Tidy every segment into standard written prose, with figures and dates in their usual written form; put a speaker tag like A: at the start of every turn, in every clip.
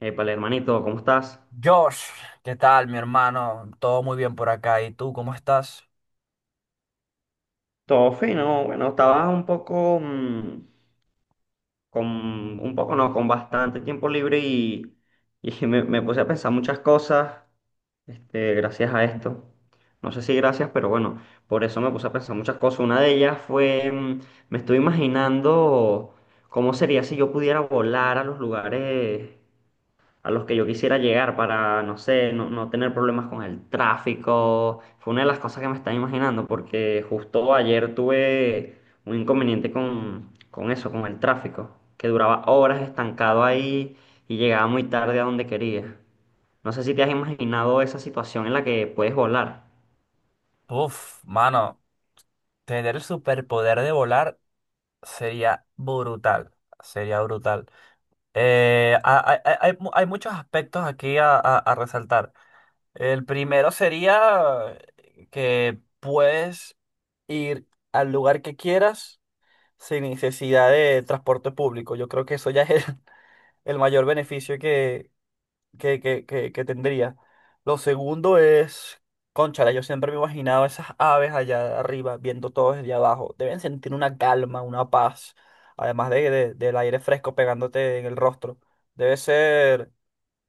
A: Épale, hermanito, ¿cómo estás?
B: Josh, ¿qué tal, mi hermano? Todo muy bien por acá. ¿Y tú, cómo estás?
A: Todo fino, bueno, estaba un poco, con, un poco no, con bastante tiempo libre y me puse a pensar muchas cosas, gracias a esto. No sé si gracias, pero bueno, por eso me puse a pensar muchas cosas. Una de ellas fue, me estoy imaginando cómo sería si yo pudiera volar a los lugares a los que yo quisiera llegar para, no sé, no tener problemas con el tráfico. Fue una de las cosas que me estaba imaginando, porque justo ayer tuve un inconveniente con eso, con el tráfico, que duraba horas estancado ahí y llegaba muy tarde a donde quería. No sé si te has imaginado esa situación en la que puedes volar.
B: Uf, mano, tener el superpoder de volar sería brutal. Sería brutal. Hay, hay muchos aspectos aquí a, a resaltar. El primero sería que puedes ir al lugar que quieras sin necesidad de transporte público. Yo creo que eso ya es el mayor beneficio que tendría. Lo segundo es, cónchale, yo siempre me imaginaba esas aves allá arriba, viendo todo desde abajo. Deben sentir una calma, una paz, además de, del aire fresco pegándote en el rostro. Debe ser.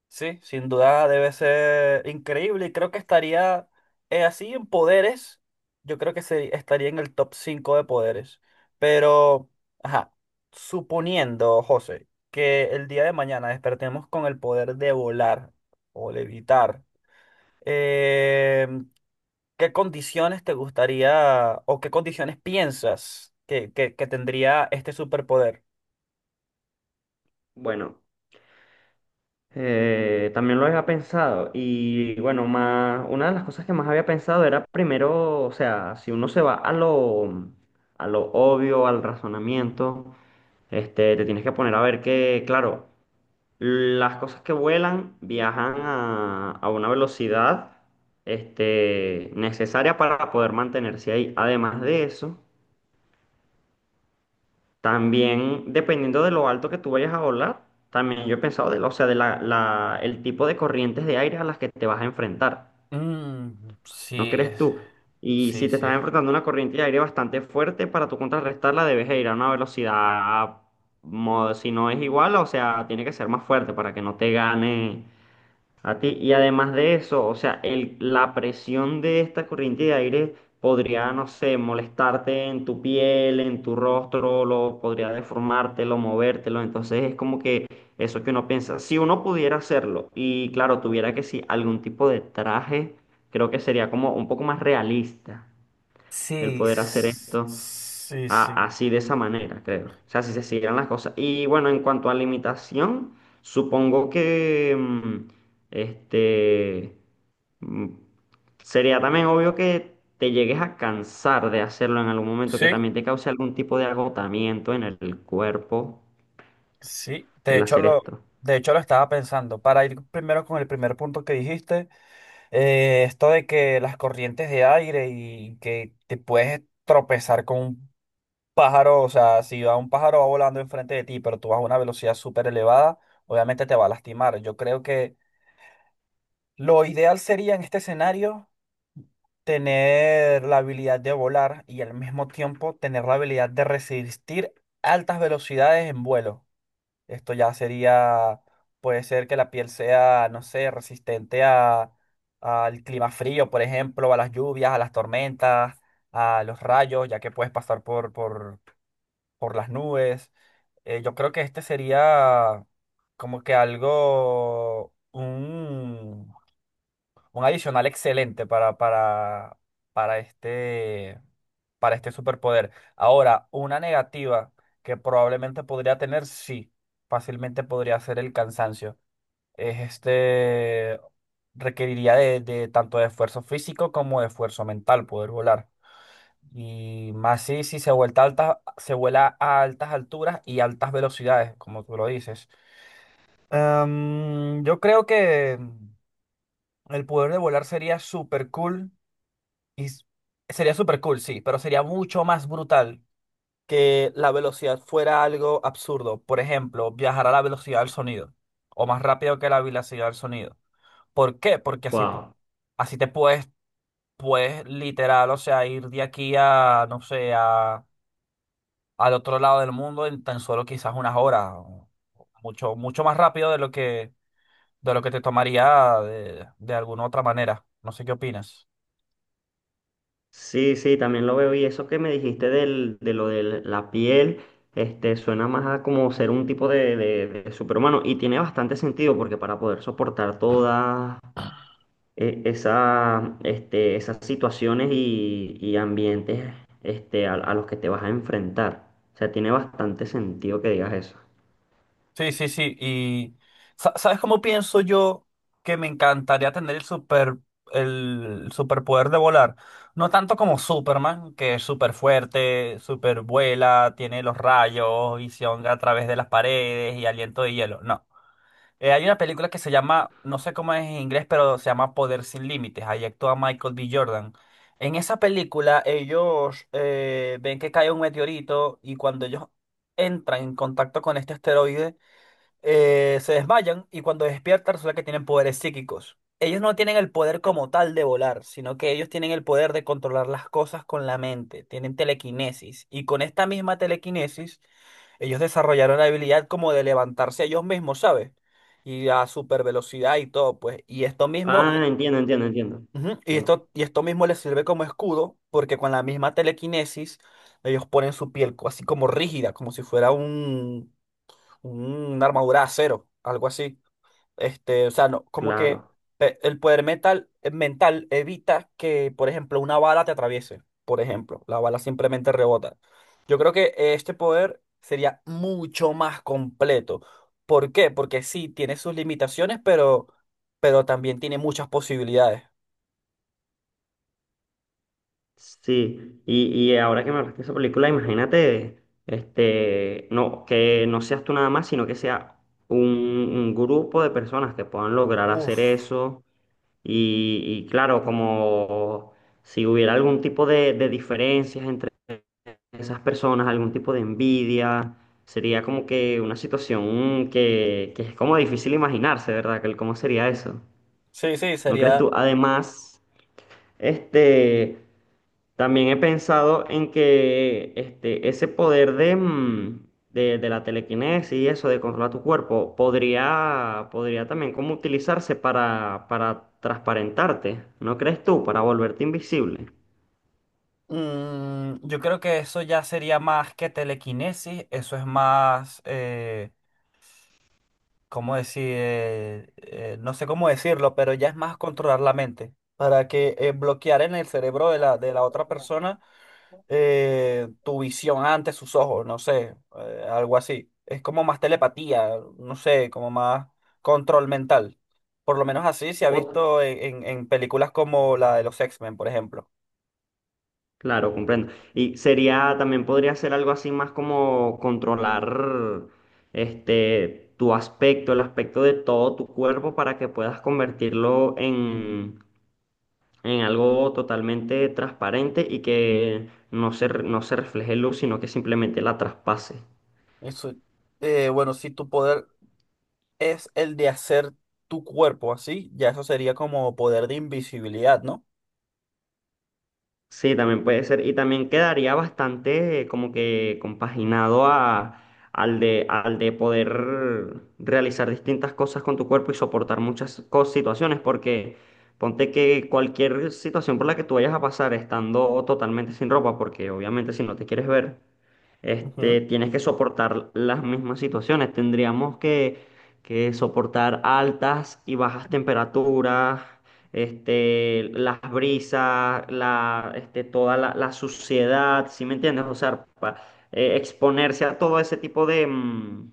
B: Sí, sin duda debe ser increíble y creo que estaría así en poderes. Yo creo que estaría en el top 5 de poderes. Pero, ajá, suponiendo, José, que el día de mañana despertemos con el poder de volar o levitar, eh, ¿qué condiciones te gustaría o qué condiciones piensas que tendría este superpoder?
A: Bueno. También lo había pensado y bueno, más, una de las cosas que más había pensado era primero, o sea, si uno se va a lo obvio, al razonamiento, te tienes que poner a ver que, claro, las cosas que vuelan viajan a una velocidad, necesaria para poder mantenerse ahí. Además de eso, también, dependiendo de lo alto que tú vayas a volar, también yo he pensado o sea, el tipo de corrientes de aire a las que te vas a enfrentar. ¿No
B: Sí,
A: crees
B: es...
A: tú? Y
B: Sí,
A: si te
B: sí.
A: estás enfrentando a una corriente de aire bastante fuerte, para tú contrarrestarla debes ir a una velocidad, si no es igual, o sea, tiene que ser más fuerte para que no te gane a ti, y además de eso, o sea, la presión de esta corriente de aire podría, no sé, molestarte en tu piel, en tu rostro, podría deformártelo, movértelo. Entonces es como que eso que uno piensa. Si uno pudiera hacerlo y, claro, tuviera que sí algún tipo de traje, creo que sería como un poco más realista el
B: Sí,
A: poder hacer esto
B: sí, sí.
A: así de esa manera, creo. O sea, si se siguieran las cosas. Y bueno, en cuanto a limitación, supongo que este mm, sería también obvio que te llegues a cansar de hacerlo en algún momento, que
B: Sí,
A: también te cause algún tipo de agotamiento en el cuerpo
B: sí. De
A: el
B: hecho,
A: hacer esto.
B: de hecho, lo estaba pensando. Para ir primero con el primer punto que dijiste, esto de que las corrientes de aire y que te puedes tropezar con un pájaro, o sea, si va un pájaro va volando enfrente de ti, pero tú vas a una velocidad súper elevada, obviamente te va a lastimar. Yo creo que lo ideal sería en este escenario. Tener la habilidad de volar y al mismo tiempo tener la habilidad de resistir altas velocidades en vuelo. Esto ya sería, puede ser que la piel sea, no sé, resistente a, al clima frío, por ejemplo, a las lluvias, a las tormentas, a los rayos, ya que puedes pasar por las nubes. Yo creo que este sería como que algo, un adicional excelente para este, para este superpoder. Ahora, una negativa que probablemente podría tener, sí, fácilmente podría ser el cansancio. Es este, requeriría de tanto de esfuerzo físico como de esfuerzo mental poder volar. Y más si, si se vuelta alta, se vuela a altas alturas y altas velocidades, como tú lo dices. Yo creo que el poder de volar sería súper cool y s- sería súper cool, sí, pero sería mucho más brutal que la velocidad fuera algo absurdo. Por ejemplo, viajar a la velocidad del sonido o más rápido que la velocidad del sonido. ¿Por qué? Porque así,
A: Wow.
B: así puedes literal, o sea, ir de aquí no sé, a, al otro lado del mundo en tan solo quizás unas horas. O Mucho, mucho más rápido de lo que te tomaría de alguna otra manera. No sé qué opinas.
A: Sí, sí, también lo veo. Y eso que me dijiste de lo de la piel, suena más a como ser un tipo de, de superhumano. Y tiene bastante sentido porque para poder soportar todas esas situaciones y ambientes a los que te vas a enfrentar. O sea, tiene bastante sentido que digas eso.
B: Sí, sí, sí. Y ¿sabes cómo pienso yo que me encantaría tener el superpoder de volar? No tanto como Superman, que es súper fuerte, súper vuela, tiene los rayos, visión a través de las paredes y aliento de hielo. No. Hay una película que se llama, no sé cómo es en inglés, pero se llama Poder sin Límites. Ahí actúa Michael B. Jordan. En esa película ellos ven que cae un meteorito y cuando ellos entran en contacto con este asteroide se desmayan y cuando despiertan resulta que tienen poderes psíquicos. Ellos no tienen el poder como tal de volar, sino que ellos tienen el poder de controlar las cosas con la mente, tienen telequinesis y con esta misma telequinesis ellos desarrollaron la habilidad como de levantarse ellos mismos, ¿sabes? Y a super velocidad y todo, pues. Y esto mismo,
A: Ah, entiendo, entiendo, entiendo.
B: ujú,
A: Ent-
B: y esto mismo les sirve como escudo porque con la misma telequinesis ellos ponen su piel así como rígida, como si fuera un una armadura de acero, algo así. Este, o sea, no, como que
A: claro.
B: mental evita que, por ejemplo, una bala te atraviese. Por ejemplo, la bala simplemente rebota. Yo creo que este poder sería mucho más completo. ¿Por qué? Porque sí, tiene sus limitaciones, pero también tiene muchas posibilidades.
A: Sí, y ahora que me hablaste de esa película, imagínate, no, que no seas tú nada más, sino que sea un grupo de personas que puedan lograr hacer
B: Uf,
A: eso. Y claro, como si hubiera algún tipo de diferencias entre esas personas, algún tipo de envidia, sería como que una situación que es como difícil imaginarse, ¿verdad? ¿Cómo sería eso?
B: sí, sí,
A: ¿No crees
B: sería...
A: tú? Además, este. También he pensado en que ese poder de, de la telequinesis y eso, de controlar tu cuerpo, podría, podría también como utilizarse para transparentarte, ¿no crees tú? Para volverte invisible.
B: Mm, yo creo que eso ya sería más que telequinesis, eso es más... ¿cómo decir? No sé cómo decirlo, pero ya es más controlar la mente para que bloquear en el cerebro de de la otra persona tu visión ante sus ojos, no sé, algo así. Es como más telepatía, no sé, como más control mental. Por lo menos así se ha
A: O-
B: visto en, en películas como la de los X-Men, por ejemplo.
A: claro, comprendo. Y sería, también podría ser algo así más como controlar tu aspecto, el aspecto de todo tu cuerpo para que puedas convertirlo en algo totalmente transparente y que no se refleje luz, sino que simplemente la traspase.
B: Y bueno, si tu poder es el de hacer tu cuerpo así, ya eso sería como poder de invisibilidad, ¿no?
A: Sí, también puede ser. Y también quedaría bastante como que compaginado a, al de poder realizar distintas cosas con tu cuerpo y soportar muchas situaciones, porque ponte que cualquier situación por la que tú vayas a pasar estando totalmente sin ropa, porque obviamente si no te quieres ver. Tienes que soportar las mismas situaciones. Tendríamos que soportar altas y bajas temperaturas, las brisas, toda la suciedad, ¿sí me entiendes? O sea, exponerse a todo ese tipo de,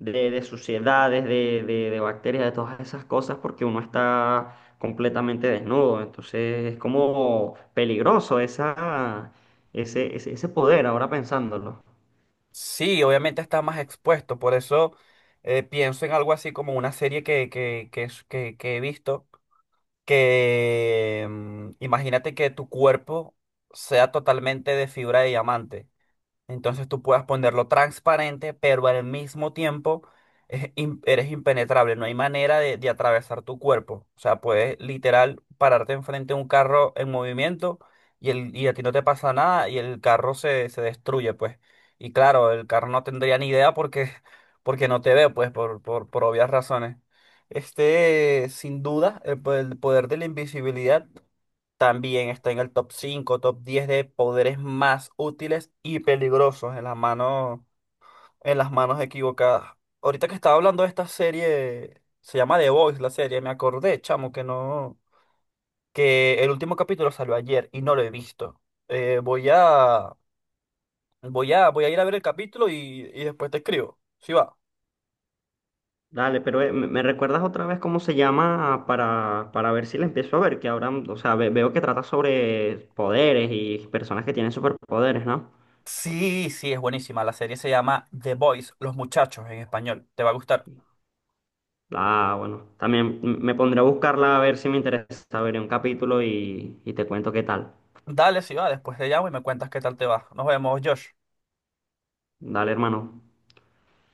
A: de suciedades, de bacterias, de todas esas cosas, porque uno está completamente desnudo. Entonces es como peligroso esa, ese poder, ahora pensándolo.
B: Sí, obviamente está más expuesto, por eso pienso en algo así como una serie que he visto, que imagínate que tu cuerpo sea totalmente de fibra de diamante. Entonces tú puedas ponerlo transparente, pero al mismo tiempo eres impenetrable. No hay manera de atravesar tu cuerpo. O sea, puedes literal pararte enfrente de un carro en movimiento y a ti no te pasa nada y el carro se destruye, pues. Y claro, el carro no tendría ni idea porque, porque no te ve, pues, por obvias razones. Este, sin duda, el poder de la invisibilidad también está en el top 5, top 10 de poderes más útiles y peligrosos en las manos equivocadas. Ahorita que estaba hablando de esta serie, se llama The Voice la serie, me acordé, chamo, que no, que el último capítulo salió ayer y no lo he visto. Eh, voy a, voy a ir a ver el capítulo y después te escribo. Sí va.
A: Dale, pero ¿¿me recuerdas otra vez cómo se llama para ver si la empiezo a ver? Que ahora, o sea, veo que trata sobre poderes y personas que tienen superpoderes, ¿no?
B: Sí, sí, es buenísima. La serie se llama The Boys, Los Muchachos en español. Te va a gustar.
A: Ah, bueno, también me pondré a buscarla a ver si me interesa. Veré un capítulo y te cuento qué tal.
B: Dale, si va, después te llamo y me cuentas qué tal te va. Nos vemos, Josh.
A: Dale, hermano.